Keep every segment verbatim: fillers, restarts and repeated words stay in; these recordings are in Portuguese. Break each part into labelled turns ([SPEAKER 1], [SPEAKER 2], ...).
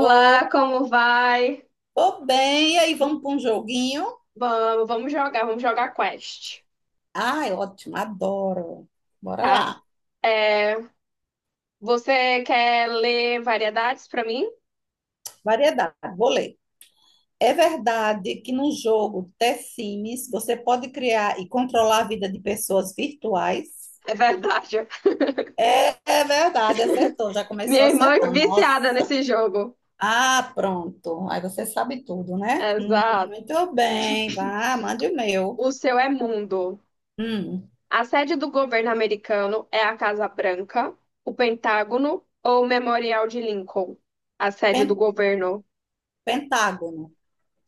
[SPEAKER 1] Ô,
[SPEAKER 2] como vai?
[SPEAKER 1] tô bem, e aí vamos para um joguinho?
[SPEAKER 2] Vamos, vamos jogar, vamos jogar Quest.
[SPEAKER 1] Ai, ótimo, adoro. Bora
[SPEAKER 2] Tá.
[SPEAKER 1] lá.
[SPEAKER 2] É, Você quer ler variedades pra mim?
[SPEAKER 1] Variedade, vou ler. É verdade que no jogo The Sims você pode criar e controlar a vida de pessoas virtuais?
[SPEAKER 2] É verdade.
[SPEAKER 1] É verdade, acertou, já
[SPEAKER 2] Minha
[SPEAKER 1] começou
[SPEAKER 2] irmã é
[SPEAKER 1] acertando. Nossa.
[SPEAKER 2] viciada nesse jogo.
[SPEAKER 1] Ah, pronto. Aí você sabe tudo, né? Hum,
[SPEAKER 2] Exato.
[SPEAKER 1] muito bem, vá, mande o meu.
[SPEAKER 2] O seu é mundo.
[SPEAKER 1] Hum,
[SPEAKER 2] A sede do governo americano é a Casa Branca, o Pentágono ou o Memorial de Lincoln? A sede do
[SPEAKER 1] pen-
[SPEAKER 2] governo,
[SPEAKER 1] Pentágono.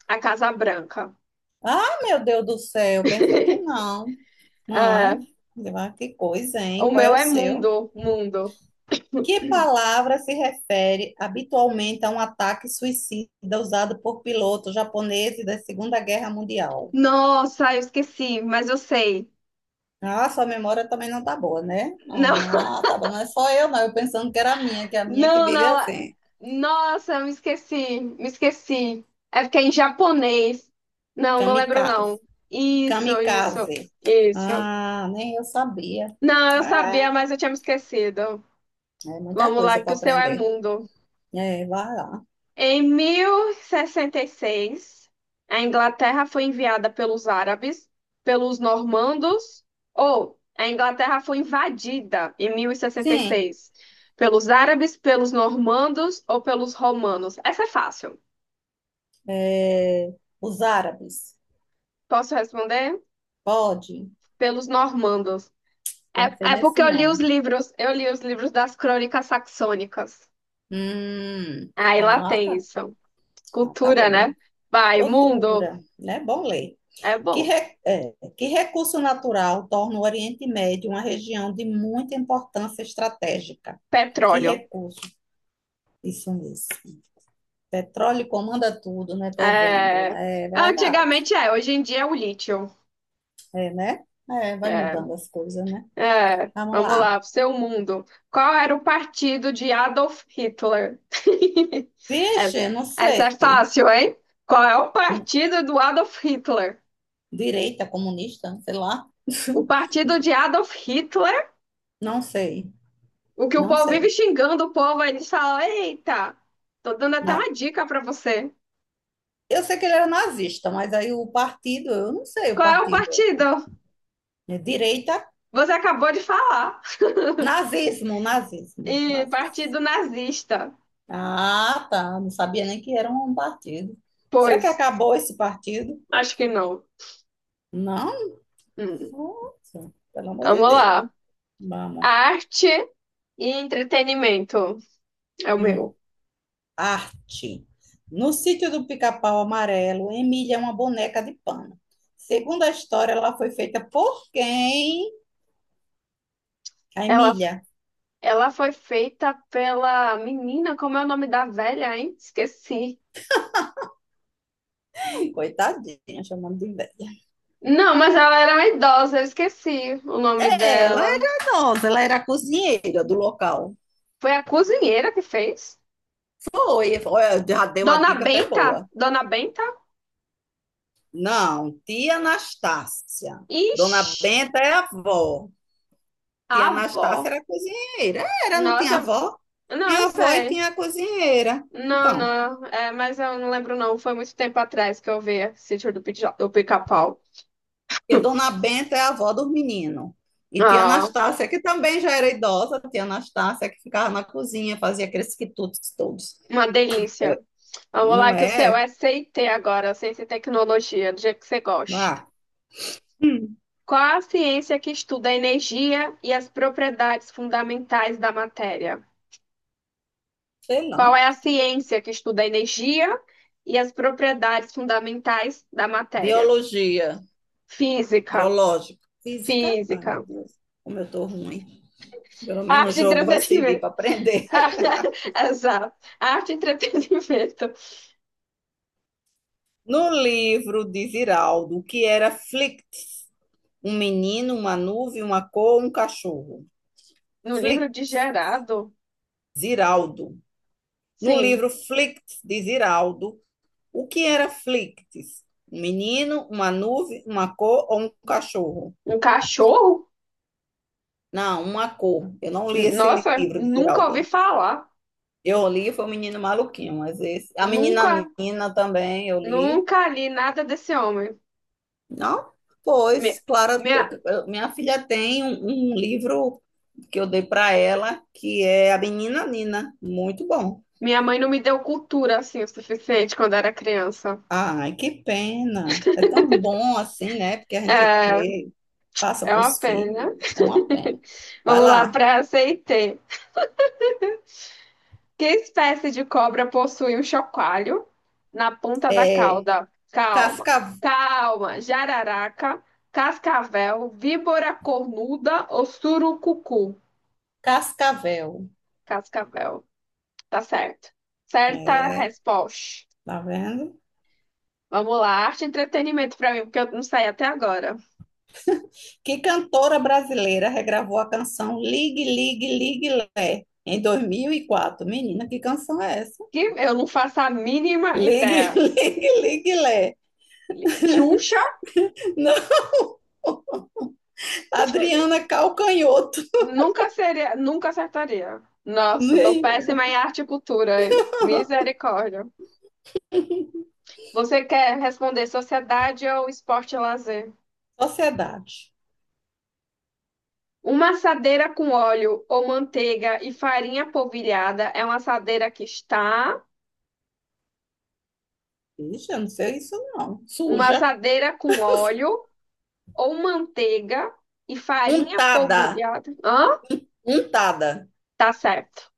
[SPEAKER 2] a Casa Branca.
[SPEAKER 1] Ah, meu Deus do céu, pensei que não.
[SPEAKER 2] É,
[SPEAKER 1] Mas, ah, que coisa,
[SPEAKER 2] o
[SPEAKER 1] hein? Qual
[SPEAKER 2] meu
[SPEAKER 1] é o
[SPEAKER 2] é
[SPEAKER 1] seu?
[SPEAKER 2] mundo, mundo.
[SPEAKER 1] Que palavra se refere habitualmente a um ataque suicida usado por pilotos japoneses da Segunda Guerra Mundial?
[SPEAKER 2] Nossa, eu esqueci, mas eu sei.
[SPEAKER 1] Ah, sua memória também não tá boa, né?
[SPEAKER 2] Não,
[SPEAKER 1] Ah, tá bom, não é só eu, não. Eu pensando que era a minha, que é a minha que
[SPEAKER 2] não,
[SPEAKER 1] vive
[SPEAKER 2] não.
[SPEAKER 1] assim.
[SPEAKER 2] Nossa, eu me esqueci, me esqueci. É porque é em japonês. Não, não lembro
[SPEAKER 1] Kamikaze.
[SPEAKER 2] não. Isso, isso,
[SPEAKER 1] Kamikaze.
[SPEAKER 2] isso.
[SPEAKER 1] Ah, nem eu sabia.
[SPEAKER 2] Não, eu
[SPEAKER 1] É,
[SPEAKER 2] sabia, mas eu tinha me esquecido.
[SPEAKER 1] é muita
[SPEAKER 2] Vamos
[SPEAKER 1] coisa
[SPEAKER 2] lá,
[SPEAKER 1] para
[SPEAKER 2] que o seu é
[SPEAKER 1] aprender.
[SPEAKER 2] mundo.
[SPEAKER 1] É, vai lá.
[SPEAKER 2] Em mil e sessenta e seis, a Inglaterra foi enviada pelos árabes, pelos normandos, ou a Inglaterra foi invadida em
[SPEAKER 1] Sim.
[SPEAKER 2] mil e sessenta e seis pelos árabes, pelos normandos ou pelos romanos. Essa é fácil.
[SPEAKER 1] É, os árabes.
[SPEAKER 2] Posso responder?
[SPEAKER 1] Pode?
[SPEAKER 2] Pelos normandos.
[SPEAKER 1] Pensei
[SPEAKER 2] É, é
[SPEAKER 1] nesse
[SPEAKER 2] porque eu li os
[SPEAKER 1] nome.
[SPEAKER 2] livros, eu li os livros das crônicas saxônicas.
[SPEAKER 1] Hum,
[SPEAKER 2] Aí lá
[SPEAKER 1] ah,
[SPEAKER 2] tem
[SPEAKER 1] tá.
[SPEAKER 2] isso.
[SPEAKER 1] Ah, tá
[SPEAKER 2] Cultura,
[SPEAKER 1] bom.
[SPEAKER 2] né? Vai, mundo.
[SPEAKER 1] Cultura, né? Bom ler.
[SPEAKER 2] É
[SPEAKER 1] Que,
[SPEAKER 2] bom.
[SPEAKER 1] re- é, que recurso natural torna o Oriente Médio uma região de muita importância estratégica? Que
[SPEAKER 2] Petróleo.
[SPEAKER 1] recurso? Isso mesmo. Petróleo comanda tudo, né? Tô vendo.
[SPEAKER 2] É,
[SPEAKER 1] É verdade.
[SPEAKER 2] Antigamente é, hoje em dia é o lítio.
[SPEAKER 1] É, né? É, vai
[SPEAKER 2] É,
[SPEAKER 1] mudando as coisas, né?
[SPEAKER 2] é,
[SPEAKER 1] Vamos
[SPEAKER 2] vamos
[SPEAKER 1] lá.
[SPEAKER 2] lá, seu mundo. Qual era o partido de Adolf Hitler? Essa,
[SPEAKER 1] Peixe, não
[SPEAKER 2] essa é
[SPEAKER 1] sei.
[SPEAKER 2] fácil, hein? Qual é o partido do Adolf Hitler?
[SPEAKER 1] Direita, comunista, sei lá.
[SPEAKER 2] O partido de Adolf Hitler,
[SPEAKER 1] Não sei,
[SPEAKER 2] o que o
[SPEAKER 1] não
[SPEAKER 2] povo vive
[SPEAKER 1] sei.
[SPEAKER 2] xingando o povo, aí eles falam: Eita, tô dando até
[SPEAKER 1] Na-
[SPEAKER 2] uma dica pra você.
[SPEAKER 1] Eu sei que ele era nazista, mas aí o partido, eu não sei o
[SPEAKER 2] Qual é o
[SPEAKER 1] partido.
[SPEAKER 2] partido?
[SPEAKER 1] É direita,
[SPEAKER 2] Você acabou de falar.
[SPEAKER 1] nazismo, nazismo,
[SPEAKER 2] E
[SPEAKER 1] nazismo.
[SPEAKER 2] partido nazista.
[SPEAKER 1] Ah, tá. Não sabia nem que era um partido. Será que
[SPEAKER 2] Pois,
[SPEAKER 1] acabou esse partido?
[SPEAKER 2] acho que não.
[SPEAKER 1] Não,
[SPEAKER 2] Hum.
[SPEAKER 1] nossa, pelo amor de
[SPEAKER 2] Vamos
[SPEAKER 1] Deus.
[SPEAKER 2] lá.
[SPEAKER 1] Vamos.
[SPEAKER 2] Arte e entretenimento é o
[SPEAKER 1] Hum.
[SPEAKER 2] meu.
[SPEAKER 1] Arte. No sítio do Pica-Pau Amarelo, Emília é uma boneca de pano. Segundo a história, ela foi feita por quem? A
[SPEAKER 2] Ela,
[SPEAKER 1] Emília,
[SPEAKER 2] ela foi feita pela menina, como é o nome da velha, hein? Esqueci.
[SPEAKER 1] coitadinha, chamando de velha.
[SPEAKER 2] Não, mas ela era uma idosa, eu esqueci o nome
[SPEAKER 1] É, ela
[SPEAKER 2] dela.
[SPEAKER 1] era nossa, ela era a cozinheira do local.
[SPEAKER 2] Foi a cozinheira que fez.
[SPEAKER 1] Foi, foi, eu já dei uma
[SPEAKER 2] Dona
[SPEAKER 1] dica até
[SPEAKER 2] Benta?
[SPEAKER 1] boa.
[SPEAKER 2] Dona Benta?
[SPEAKER 1] Não, tia Anastácia. Dona
[SPEAKER 2] Ixi,
[SPEAKER 1] Benta é a avó.
[SPEAKER 2] a
[SPEAKER 1] Tia Anastácia
[SPEAKER 2] avó.
[SPEAKER 1] era cozinheira. É, era, não tinha
[SPEAKER 2] Nossa,
[SPEAKER 1] avó?
[SPEAKER 2] não,
[SPEAKER 1] Tinha
[SPEAKER 2] eu
[SPEAKER 1] avó e
[SPEAKER 2] sei.
[SPEAKER 1] tinha cozinheira.
[SPEAKER 2] Não,
[SPEAKER 1] Então,
[SPEAKER 2] não, é, mas eu não lembro não. Foi muito tempo atrás que eu vi Sítio do Pica- do Pica-Pau.
[SPEAKER 1] porque Dona Benta é a avó dos meninos. E tia
[SPEAKER 2] Ah,
[SPEAKER 1] Anastácia, que também já era idosa, tia Anastácia que ficava na cozinha, fazia aqueles quitutes todos.
[SPEAKER 2] uma delícia.
[SPEAKER 1] É,
[SPEAKER 2] Vamos
[SPEAKER 1] não
[SPEAKER 2] lá, que o seu
[SPEAKER 1] é?
[SPEAKER 2] é C T agora, ciência e tecnologia, do jeito que você gosta.
[SPEAKER 1] Ah, Hum,
[SPEAKER 2] Qual a ciência que estuda a energia e as propriedades fundamentais da matéria?
[SPEAKER 1] sei
[SPEAKER 2] Qual
[SPEAKER 1] lá.
[SPEAKER 2] é a ciência que estuda a energia e as propriedades fundamentais da matéria?
[SPEAKER 1] Biologia,
[SPEAKER 2] Física,
[SPEAKER 1] biológico, física. Ai, meu
[SPEAKER 2] física.
[SPEAKER 1] Deus, como eu tô ruim. Pelo menos o
[SPEAKER 2] Arte e
[SPEAKER 1] jogo vai servir
[SPEAKER 2] entretenimento.
[SPEAKER 1] para aprender.
[SPEAKER 2] Exato. Arte e entretenimento.
[SPEAKER 1] No livro de Ziraldo, o que era Flict? Um menino, uma nuvem, uma cor, um cachorro.
[SPEAKER 2] No livro
[SPEAKER 1] Flict,
[SPEAKER 2] de Gerardo,
[SPEAKER 1] Ziraldo. No
[SPEAKER 2] sim.
[SPEAKER 1] livro Flict de Ziraldo, o que era Flicts? Um menino, uma nuvem, uma cor ou um cachorro?
[SPEAKER 2] Um cachorro?
[SPEAKER 1] Não, uma cor. Eu não li esse
[SPEAKER 2] Nossa,
[SPEAKER 1] livro de
[SPEAKER 2] nunca ouvi
[SPEAKER 1] Ziraldo.
[SPEAKER 2] falar.
[SPEAKER 1] Eu li, foi o Menino Maluquinho, mas esse, a Menina
[SPEAKER 2] Nunca,
[SPEAKER 1] Nina também eu li.
[SPEAKER 2] nunca li nada desse homem.
[SPEAKER 1] Não,
[SPEAKER 2] Minha,
[SPEAKER 1] pois, Clara,
[SPEAKER 2] minha,
[SPEAKER 1] minha filha tem um, um livro que eu dei para ela, que é A Menina Nina, muito bom.
[SPEAKER 2] minha mãe não me deu cultura assim o suficiente quando era criança.
[SPEAKER 1] Ai, que pena. É tão bom assim, né? Porque a gente
[SPEAKER 2] É,
[SPEAKER 1] lê, passa
[SPEAKER 2] é
[SPEAKER 1] para
[SPEAKER 2] uma
[SPEAKER 1] os
[SPEAKER 2] pena.
[SPEAKER 1] filhos, é uma pena. Vai
[SPEAKER 2] Vamos lá
[SPEAKER 1] lá.
[SPEAKER 2] para aceitei. Que espécie de cobra possui um chocalho na ponta da
[SPEAKER 1] É
[SPEAKER 2] cauda? Calma,
[SPEAKER 1] Casca,
[SPEAKER 2] calma. Jararaca, cascavel, víbora cornuda ou surucucu?
[SPEAKER 1] Cascavel.
[SPEAKER 2] Cascavel. Tá certo. Certa
[SPEAKER 1] É,
[SPEAKER 2] resposta.
[SPEAKER 1] tá vendo?
[SPEAKER 2] Vamos lá, arte e entretenimento pra mim, porque eu não sei até agora.
[SPEAKER 1] Que cantora brasileira regravou a canção Ligue, Ligue, Ligue Lé em dois mil e quatro? Menina, que canção é essa?
[SPEAKER 2] Que eu não faço a mínima
[SPEAKER 1] Ligue,
[SPEAKER 2] ideia.
[SPEAKER 1] Ligue, Ligue Lé.
[SPEAKER 2] Xuxa,
[SPEAKER 1] Não, Adriana Calcanhoto.
[SPEAKER 2] nunca seria, nunca acertaria. Nossa, tô
[SPEAKER 1] Menina.
[SPEAKER 2] péssima em arte e cultura, hein? Misericórdia. Você quer responder sociedade ou esporte e lazer?
[SPEAKER 1] Sociedade.
[SPEAKER 2] Uma assadeira com óleo ou manteiga e farinha polvilhada é uma assadeira que está,
[SPEAKER 1] Ixi, eu não sei isso não.
[SPEAKER 2] uma
[SPEAKER 1] Suja.
[SPEAKER 2] assadeira com óleo ou manteiga e farinha
[SPEAKER 1] Untada.
[SPEAKER 2] polvilhada. Hã?
[SPEAKER 1] Untada.
[SPEAKER 2] Tá certo.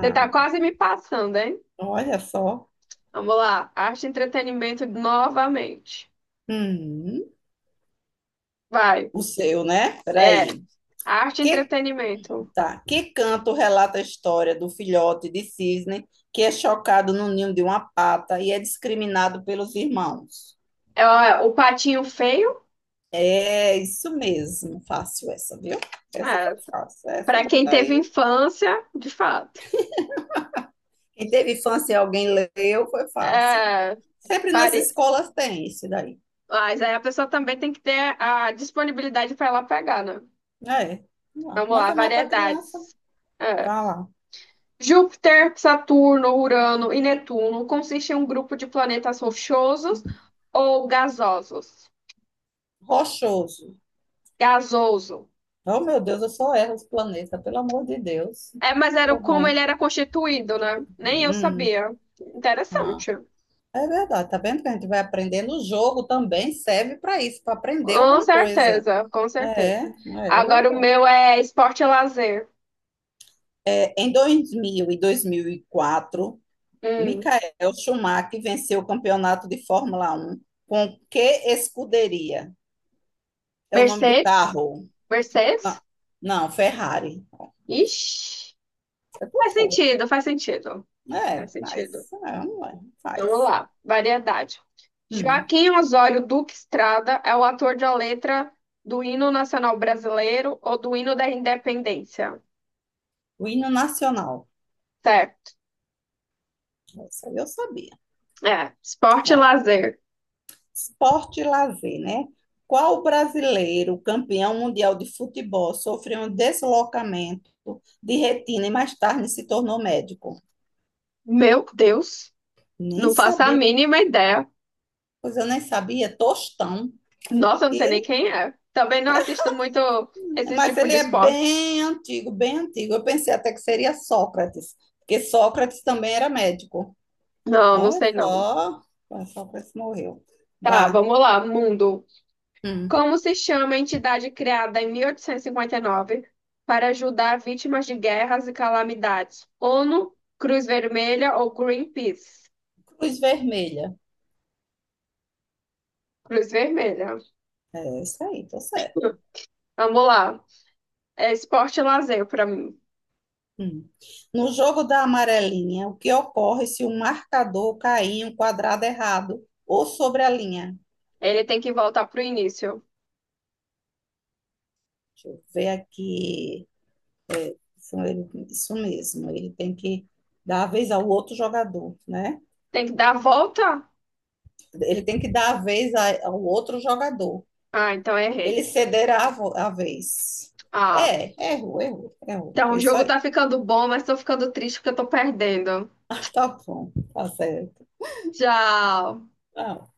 [SPEAKER 2] Você tá quase me passando, hein?
[SPEAKER 1] olha só.
[SPEAKER 2] Vamos lá. Arte e entretenimento novamente.
[SPEAKER 1] Hum,
[SPEAKER 2] Vai.
[SPEAKER 1] o seu, né? Peraí.
[SPEAKER 2] É. Arte e
[SPEAKER 1] Que
[SPEAKER 2] entretenimento.
[SPEAKER 1] Tá. Que canto relata a história do filhote de cisne que é chocado no ninho de uma pata e é discriminado pelos irmãos?
[SPEAKER 2] É, ó, é o patinho feio.
[SPEAKER 1] É isso mesmo. Fácil essa, viu? Essa foi
[SPEAKER 2] É.
[SPEAKER 1] fácil. Essa
[SPEAKER 2] Pra quem teve
[SPEAKER 1] daí.
[SPEAKER 2] infância, de fato.
[SPEAKER 1] Quem teve infância e alguém leu, foi fácil.
[SPEAKER 2] É,
[SPEAKER 1] Sempre nas
[SPEAKER 2] vari-
[SPEAKER 1] escolas tem isso daí.
[SPEAKER 2] Mas aí a pessoa também tem que ter a disponibilidade para ela pegar, né?
[SPEAKER 1] É. Vamos lá.
[SPEAKER 2] Vamos
[SPEAKER 1] Mas
[SPEAKER 2] lá,
[SPEAKER 1] é mais para criança.
[SPEAKER 2] variedades. É.
[SPEAKER 1] Vai lá.
[SPEAKER 2] Júpiter, Saturno, Urano e Netuno consiste em um grupo de planetas rochosos ou gasosos.
[SPEAKER 1] Rochoso.
[SPEAKER 2] Gasoso.
[SPEAKER 1] Oh, meu Deus, eu só erro os planetas, pelo amor de Deus.
[SPEAKER 2] É, mas era
[SPEAKER 1] Tô
[SPEAKER 2] como ele
[SPEAKER 1] ruim.
[SPEAKER 2] era constituído, né? Nem eu
[SPEAKER 1] Hum,
[SPEAKER 2] sabia.
[SPEAKER 1] ah.
[SPEAKER 2] Interessante.
[SPEAKER 1] É verdade, tá vendo que a gente vai aprendendo? O jogo também serve para isso, para aprender
[SPEAKER 2] Com
[SPEAKER 1] alguma coisa.
[SPEAKER 2] certeza, com
[SPEAKER 1] É,
[SPEAKER 2] certeza.
[SPEAKER 1] é
[SPEAKER 2] Agora o
[SPEAKER 1] verdade.
[SPEAKER 2] meu é esporte e lazer.
[SPEAKER 1] É, em dois mil e dois mil e quatro,
[SPEAKER 2] Hum.
[SPEAKER 1] Michael Schumacher venceu o campeonato de Fórmula um com que escuderia? É o nome do
[SPEAKER 2] Mercedes?
[SPEAKER 1] carro? Não,
[SPEAKER 2] Mercedes?
[SPEAKER 1] não, Ferrari.
[SPEAKER 2] Ixi,
[SPEAKER 1] É, por
[SPEAKER 2] faz
[SPEAKER 1] favor.
[SPEAKER 2] sentido, faz sentido.
[SPEAKER 1] É,
[SPEAKER 2] Faz sentido.
[SPEAKER 1] faz. É, não é,
[SPEAKER 2] Então, vamos
[SPEAKER 1] faz.
[SPEAKER 2] lá, variedade.
[SPEAKER 1] Hum.
[SPEAKER 2] Joaquim Osório Duque Estrada é o ator da letra do hino nacional brasileiro ou do hino da independência.
[SPEAKER 1] O hino nacional.
[SPEAKER 2] Certo.
[SPEAKER 1] Isso aí eu sabia.
[SPEAKER 2] É, esporte e lazer.
[SPEAKER 1] Esporte e lazer, né? Qual brasileiro, campeão mundial de futebol, sofreu um deslocamento de retina e mais tarde se tornou médico?
[SPEAKER 2] Meu Deus.
[SPEAKER 1] Nem
[SPEAKER 2] Não faço a
[SPEAKER 1] sabia,
[SPEAKER 2] mínima ideia.
[SPEAKER 1] pois eu nem sabia, Tostão.
[SPEAKER 2] Nossa, eu não sei nem
[SPEAKER 1] E-
[SPEAKER 2] quem é. Também não assisto muito esse
[SPEAKER 1] mas
[SPEAKER 2] tipo
[SPEAKER 1] ele
[SPEAKER 2] de
[SPEAKER 1] é
[SPEAKER 2] esporte.
[SPEAKER 1] bem antigo, bem antigo. Eu pensei até que seria Sócrates, porque Sócrates também era médico.
[SPEAKER 2] Não, não
[SPEAKER 1] Olha
[SPEAKER 2] sei não.
[SPEAKER 1] só, olha, Sócrates morreu.
[SPEAKER 2] Tá,
[SPEAKER 1] Vá.
[SPEAKER 2] vamos lá, mundo.
[SPEAKER 1] Hum.
[SPEAKER 2] Como se chama a entidade criada em mil oitocentos e cinquenta e nove para ajudar vítimas de guerras e calamidades? onu, Cruz Vermelha ou Greenpeace?
[SPEAKER 1] Cruz Vermelha.
[SPEAKER 2] Cruz Vermelha.
[SPEAKER 1] É isso aí, tô certo.
[SPEAKER 2] Vamos lá. É esporte e lazer para mim.
[SPEAKER 1] Hum. No jogo da amarelinha, o que ocorre se o marcador cair em um quadrado errado ou sobre a linha?
[SPEAKER 2] Ele tem que voltar pro início.
[SPEAKER 1] Deixa eu ver aqui. Isso, ele- isso mesmo, ele tem que dar a vez ao outro jogador, né?
[SPEAKER 2] Tem que dar a volta?
[SPEAKER 1] Ele tem que dar a vez a- ao outro jogador.
[SPEAKER 2] Ah, então errei.
[SPEAKER 1] Ele cederá a, vo- a vez.
[SPEAKER 2] Ah,
[SPEAKER 1] É, errou, errou, errou.
[SPEAKER 2] então, o
[SPEAKER 1] É isso
[SPEAKER 2] jogo
[SPEAKER 1] aí.
[SPEAKER 2] tá ficando bom, mas tô ficando triste porque eu tô perdendo.
[SPEAKER 1] Tá bom, tá certo.
[SPEAKER 2] Tchau.
[SPEAKER 1] Ah,